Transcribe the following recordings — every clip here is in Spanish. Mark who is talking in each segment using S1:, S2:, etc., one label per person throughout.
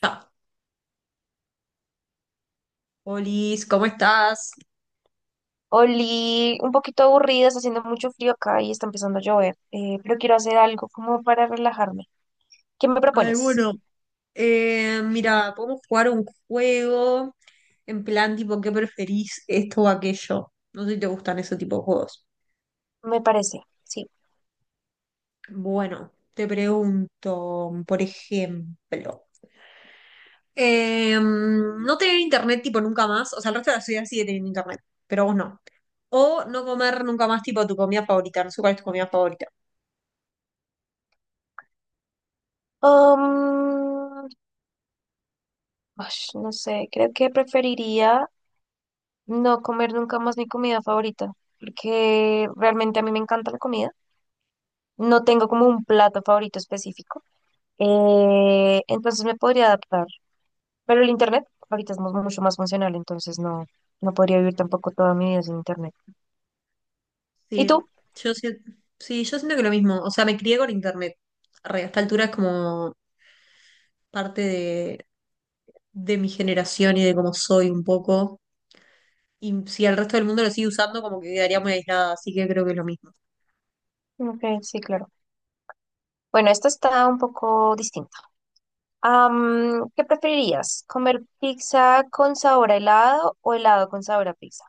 S1: Ta. Olis, ¿cómo estás?
S2: Oli, un poquito aburrida, está haciendo mucho frío acá y está empezando a llover, pero quiero hacer algo como para relajarme. ¿Qué me
S1: Ay,
S2: propones?
S1: bueno, mira, podemos jugar un juego en plan tipo, ¿qué preferís esto o aquello? No sé si te gustan ese tipo de juegos.
S2: Me parece, sí.
S1: Bueno, te pregunto, por ejemplo, no tener internet tipo nunca más, o sea, el resto de la ciudad sigue teniendo internet, pero vos no. O no comer nunca más tipo tu comida favorita, no sé cuál es tu comida favorita.
S2: Um, Ash, no sé, creo que preferiría no comer nunca más mi comida favorita, porque realmente a mí me encanta la comida. No tengo como un plato favorito específico, entonces me podría adaptar. Pero el internet ahorita es mucho más funcional, entonces no podría vivir tampoco toda mi vida sin internet. ¿Y
S1: Sí,
S2: tú?
S1: yo, si- sí, yo siento que lo mismo. O sea, me crié con internet. Re, a esta altura es como parte de mi generación y de cómo soy un poco. Y si el resto del mundo lo sigue usando, como que quedaría muy aislada. Así que creo que es lo mismo.
S2: Ok, sí, claro. Bueno, esto está un poco distinto. ¿Qué preferirías? ¿Comer pizza con sabor a helado o helado con sabor a pizza?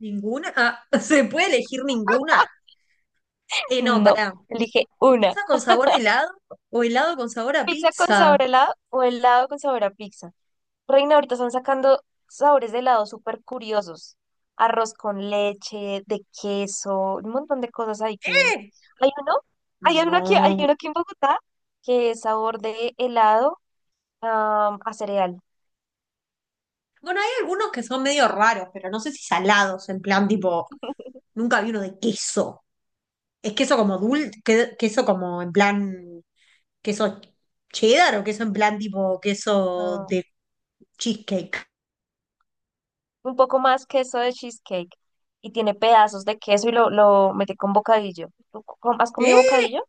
S1: ¿Ninguna? Ah, ¿se puede elegir ninguna? No,
S2: No,
S1: pará.
S2: elige una.
S1: ¿Pizza con sabor a helado o helado con sabor a
S2: ¿Pizza con
S1: pizza?
S2: sabor a helado o helado con sabor a pizza? Reina, ahorita están sacando sabores de helado súper curiosos. Arroz con leche, de queso, un montón de cosas hay que.
S1: ¿Eh?
S2: Hay uno, hay uno aquí, hay
S1: No.
S2: uno aquí en Bogotá que es sabor de helado, a cereal.
S1: Bueno, hay algunos que son medio raros, pero no sé si salados, en plan tipo, nunca vi uno de queso. ¿Es queso como dulce? ¿Queso como en plan queso cheddar o queso en plan tipo queso
S2: No.
S1: de cheesecake?
S2: Un poco más queso de cheesecake y tiene pedazos de queso y lo metí con bocadillo. ¿Tú has
S1: ¿Eh?
S2: comido bocadillo?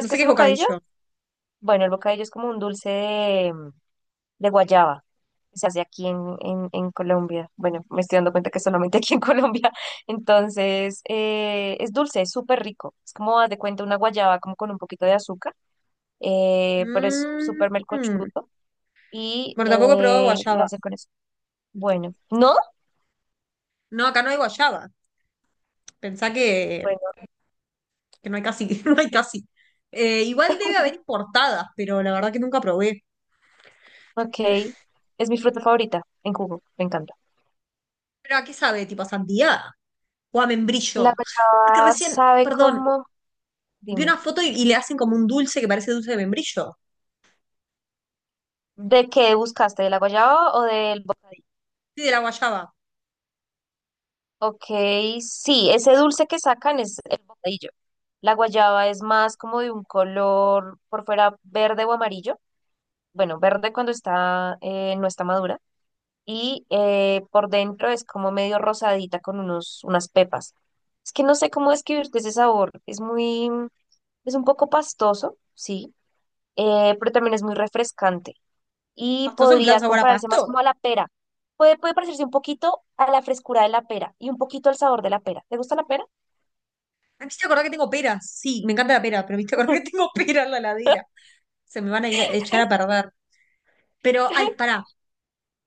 S1: No
S2: qué
S1: sé qué
S2: es
S1: es
S2: bocadillo?
S1: bocadillo.
S2: Bueno, el bocadillo es como un dulce de guayaba que se hace aquí en Colombia. Bueno, me estoy dando cuenta que solamente aquí en Colombia. Entonces, es dulce, es súper rico. Es como, haz de cuenta, una guayaba como con un poquito de azúcar, pero es
S1: Mm,
S2: súper melcochudo y
S1: Bueno, tampoco he probado
S2: lo
S1: guayaba.
S2: hacen con eso. Bueno, ¿no?
S1: No, acá no hay guayaba. Pensá que, no hay casi, no hay casi. Igual debe haber importadas, pero la verdad que nunca probé.
S2: Ok, es mi fruta favorita en jugo, me encanta.
S1: ¿Pero a qué sabe? ¿Tipo a sandía? O a
S2: La
S1: membrillo. Porque
S2: guayaba
S1: recién,
S2: sabe
S1: perdón,
S2: cómo,
S1: vi una
S2: dime,
S1: foto y le hacen como un dulce que parece dulce de membrillo.
S2: ¿de qué buscaste? ¿De la guayaba o del bocadillo?
S1: Sí, de la guayaba.
S2: Ok, sí, ese dulce que sacan es el bocadillo. La guayaba es más como de un color por fuera verde o amarillo. Bueno, verde cuando está, no está madura. Y por dentro es como medio rosadita con unos, unas pepas. Es que no sé cómo describirte ese sabor. Es un poco pastoso, sí, pero también es muy refrescante y
S1: Pastoso en plan
S2: podría
S1: sabor a
S2: compararse
S1: pasto.
S2: más como a la pera. Puede parecerse un poquito a la frescura de la pera y un poquito al sabor de la pera. ¿Te gusta la pera?
S1: Ay, me hiciste acordar que tengo peras. Sí, me encanta la pera, pero me hiciste acordar que tengo pera en la heladera. Se me van a ir a echar a perder. Pero, ay, pará.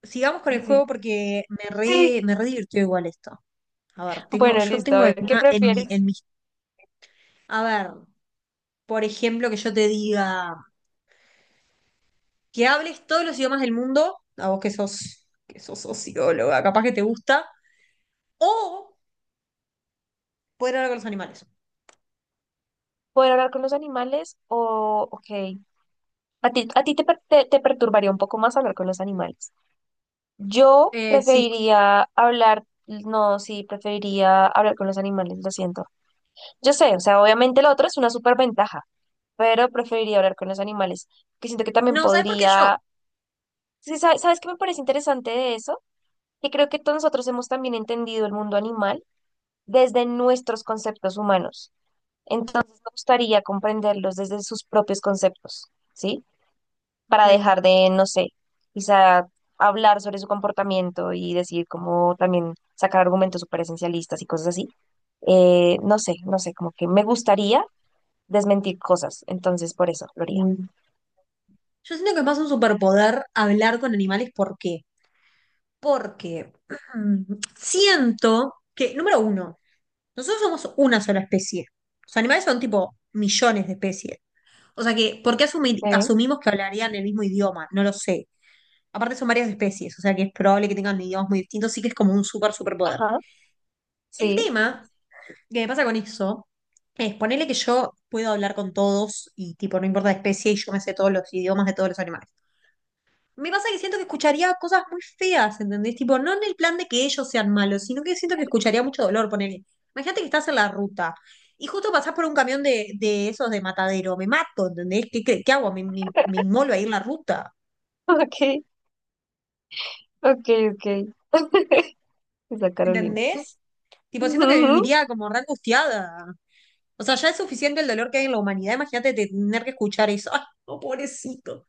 S1: Sigamos con el juego
S2: Sí.
S1: porque me
S2: Sí.
S1: re, me re divirtió igual esto. A ver,
S2: Bueno,
S1: yo
S2: listo. A
S1: tengo
S2: ver, ¿qué
S1: alguna en mi,
S2: prefieres?
S1: en mi. A ver, por ejemplo, que yo te diga, que hables todos los idiomas del mundo, a vos que sos socióloga, capaz que te gusta, o poder hablar con los animales.
S2: ¿Poder hablar con los animales o, ok, a ti te perturbaría un poco más hablar con los animales? Yo
S1: Sí.
S2: preferiría hablar, no, sí, preferiría hablar con los animales, lo siento. Yo sé, o sea, obviamente lo otro es una superventaja, pero preferiría hablar con los animales, que siento que también
S1: No, ¿sabes por qué yo?
S2: podría. Sí, ¿sabes qué me parece interesante de eso? Que creo que todos nosotros hemos también entendido el mundo animal desde nuestros conceptos humanos. Entonces me gustaría comprenderlos desde sus propios conceptos, ¿sí? Para
S1: Ok.
S2: dejar de, no sé, quizá hablar sobre su comportamiento y decir como también sacar argumentos súper esencialistas y cosas así, no sé, como que me gustaría desmentir cosas. Entonces, por eso lo haría. Mm,
S1: Yo siento que es más un superpoder hablar con animales. ¿Por qué? Porque siento que, número uno, nosotros somos una sola especie. Los animales son tipo millones de especies. O sea que, ¿por qué
S2: ok.
S1: asumimos que hablarían el mismo idioma? No lo sé. Aparte son varias especies, o sea que es probable que tengan idiomas muy distintos, sí que es como un super superpoder.
S2: Ajá,
S1: El
S2: sí.
S1: tema que me pasa con eso es ponerle que yo puedo hablar con todos y tipo, no importa la especie y yo me sé todos los idiomas de todos los animales. Me pasa que siento que escucharía cosas muy feas, ¿entendés? Tipo, no en el plan de que ellos sean malos, sino que siento que escucharía mucho dolor, ponele. Imagínate que estás en la ruta y justo pasás por un camión de esos de matadero. Me mato, ¿entendés? ¿Qué hago? Me inmolo ahí en la ruta,
S2: Ok, ok, ok. Esa Carolina.
S1: ¿entendés? Tipo, siento que
S2: Ujú.
S1: viviría como re angustiada. O sea, ya es suficiente el dolor que hay en la humanidad. Imagínate tener que escuchar eso. ¡Ay, no, pobrecito!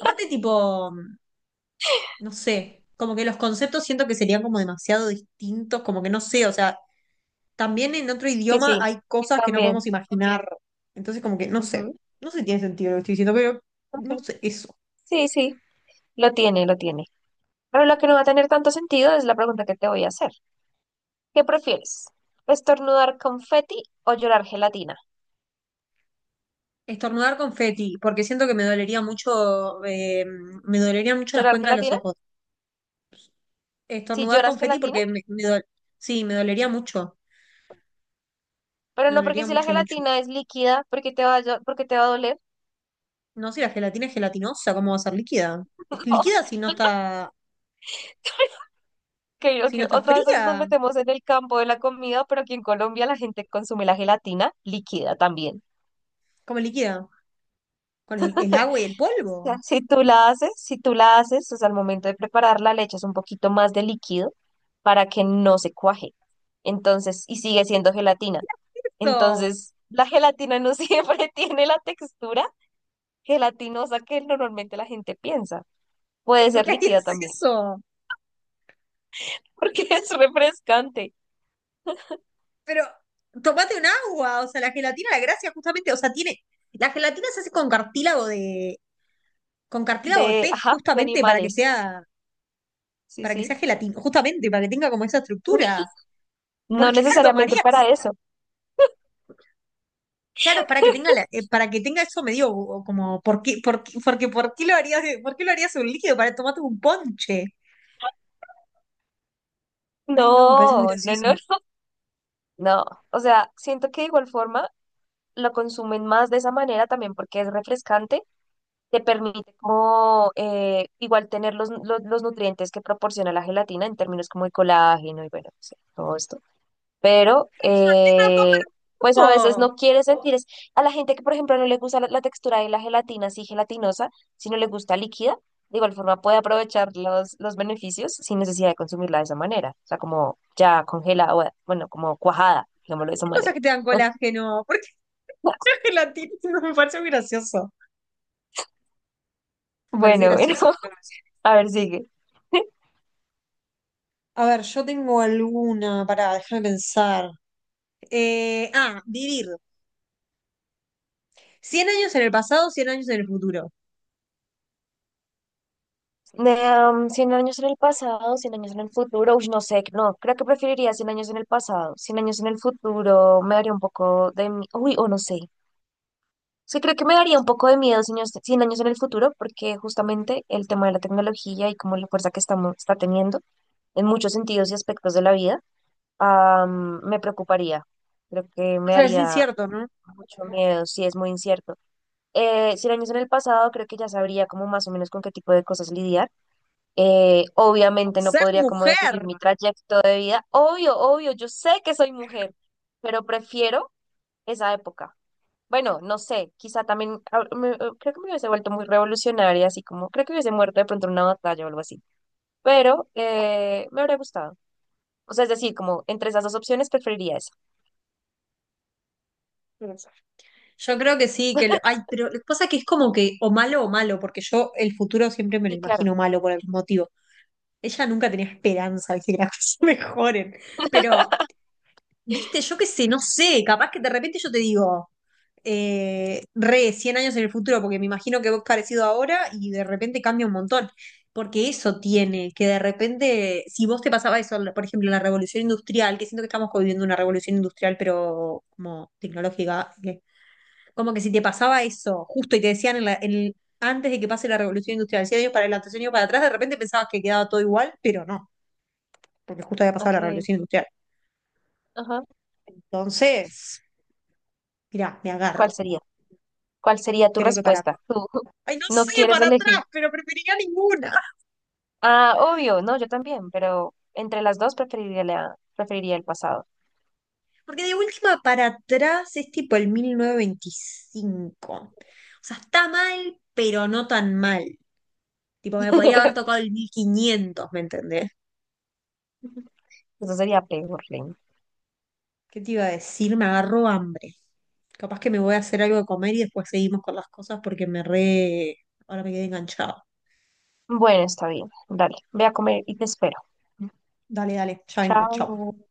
S1: Aparte, tipo, no sé, como que los conceptos siento que serían como demasiado distintos, como que no sé, o sea, también en otro
S2: Sí,
S1: idioma
S2: sí,
S1: hay cosas que no
S2: también.
S1: podemos imaginar. Entonces, como que no
S2: Ujú,
S1: sé, no sé si tiene sentido lo que estoy diciendo, pero no
S2: ok.
S1: sé, eso.
S2: Sí, sí, lo tiene, lo tiene. Pero lo que no va a tener tanto sentido es la pregunta que te voy a hacer. ¿Qué prefieres? ¿Estornudar confeti o llorar gelatina?
S1: Estornudar confeti, porque siento que me dolería mucho, me dolerían mucho las
S2: ¿Llorar
S1: cuencas de los
S2: gelatina?
S1: ojos.
S2: Si
S1: Estornudar
S2: lloras
S1: confeti porque
S2: gelatina,
S1: sí,
S2: pero
S1: me
S2: no, porque
S1: dolería
S2: si la
S1: mucho, mucho.
S2: gelatina es líquida, porque te va a doler.
S1: No, si la gelatina es gelatinosa, ¿cómo va a ser líquida? Es líquida
S2: No. que o-
S1: si no
S2: que
S1: está
S2: otra vez nos
S1: fría.
S2: metemos en el campo de la comida, pero aquí en Colombia la gente consume la gelatina líquida también.
S1: ¿Cómo es líquida? Con el agua y el
S2: O sea,
S1: polvo.
S2: si tú la haces, o sea, al momento de prepararla le echas un poquito más de líquido para que no se cuaje. Entonces, y sigue siendo gelatina.
S1: Eso.
S2: Entonces, la gelatina no siempre tiene la textura gelatinosa que normalmente la gente piensa. Puede
S1: ¿Pero por
S2: ser
S1: qué harías
S2: líquida también,
S1: eso?
S2: porque es refrescante.
S1: Pero tomate un agua, o sea, la gelatina, la gracia justamente, o sea, tiene, la gelatina se hace con con cartílago de
S2: De,
S1: pez
S2: ajá, de
S1: justamente para que
S2: animales.
S1: sea,
S2: Sí, sí.
S1: gelatina, justamente para que tenga como esa estructura.
S2: No
S1: ¿Por qué la
S2: necesariamente para
S1: tomarías?
S2: eso.
S1: Claro, es para que tenga para que tenga eso medio, o como porque ¿por qué lo harías un líquido para tomarte un ponche? Ay, no, me parece muy
S2: No, no,
S1: gracioso.
S2: no, no. O sea, siento que de igual forma lo consumen más de esa manera también porque es refrescante, te permite como, igual tener los nutrientes que proporciona la gelatina en términos como de colágeno y, bueno, no sé, todo esto, pero
S1: Pero, ¿por qué no toman un
S2: pues a veces
S1: jugo?
S2: no quiere sentir. A la gente que, por ejemplo, no le gusta la textura de la gelatina así gelatinosa, si no le gusta líquida, de igual forma puede aprovechar los beneficios sin necesidad de consumirla de esa manera, o sea, como ya congelada, o, bueno, como cuajada, digámoslo de esa
S1: Hay cosas
S2: manera.
S1: que te dan colágeno. ¿Por qué la gelatina? Me parece muy gracioso. Me parece
S2: Bueno, bueno,
S1: gracioso, creo que sí.
S2: a ver, sigue.
S1: A ver, yo tengo alguna, para déjame pensar. Vivir. 100 años en el pasado, 100 años en el futuro.
S2: Um, Cien años en el pasado, 100 años en el futuro, uy, no sé, no, creo que preferiría 100 años en el pasado, cien años en el futuro, me daría un poco de. Uy, o no sé. Sí, creo que me daría un poco de miedo 100 años, 100 años en el futuro, porque justamente el tema de la tecnología y como la fuerza que estamos, está teniendo en muchos sentidos y aspectos de la vida, me preocuparía. Creo que
S1: O
S2: me
S1: sea, es
S2: haría
S1: incierto, ¿no?
S2: mucho miedo, sí, es muy incierto. 100 años en el pasado, creo que ya sabría como más o menos con qué tipo de cosas lidiar. Obviamente no
S1: Ser
S2: podría como definir
S1: mujer.
S2: mi trayecto de vida. Obvio, obvio, yo sé que soy mujer, pero prefiero esa época. Bueno, no sé, quizá también, creo que me hubiese vuelto muy revolucionaria, así como, creo que hubiese muerto de pronto en una batalla o algo así, pero me habría gustado. O sea, es decir, como entre esas dos opciones preferiría esa.
S1: Yo creo que sí, que pero lo que pasa es que es como que o malo, porque yo el futuro siempre me lo
S2: Sí, claro.
S1: imagino malo por algún motivo. Ella nunca tenía esperanza de que las cosas mejoren, pero, viste, yo qué sé, no sé, capaz que de repente yo te digo, re 100 años en el futuro, porque me imagino que vos parecido ahora y de repente cambia un montón. Porque eso tiene, que de repente, si vos te pasaba eso, por ejemplo, en la revolución industrial, que siento que estamos viviendo una revolución industrial, pero como tecnológica, como que si te pasaba eso justo y te decían en la- en el- antes de que pase la revolución industrial, 100 años para adelante, 100 años para atrás, de repente pensabas que quedaba todo igual, pero no, porque justo había pasado
S2: Ok,
S1: la revolución industrial.
S2: ajá.
S1: Entonces, mirá, me
S2: ¿Cuál
S1: agarro.
S2: sería? ¿Cuál sería tu
S1: Creo que para
S2: respuesta? Tú
S1: Ay, no
S2: no
S1: sé,
S2: quieres
S1: para atrás,
S2: elegir.
S1: pero preferiría ninguna.
S2: Ah, obvio, no, yo también, pero entre las dos preferiría el pasado.
S1: Porque de última para atrás es tipo el 1925. O sea, está mal, pero no tan mal. Tipo, me podría haber tocado el 1500, ¿me entendés?
S2: Eso sería peor, Lin.
S1: ¿Qué te iba a decir? Me agarró hambre. Capaz que me voy a hacer algo de comer y después seguimos con las cosas porque me re. Ahora me quedé enganchado.
S2: Bueno, está bien, dale, ve a comer y te espero.
S1: Dale, dale, ya vengo, chao.
S2: Chao.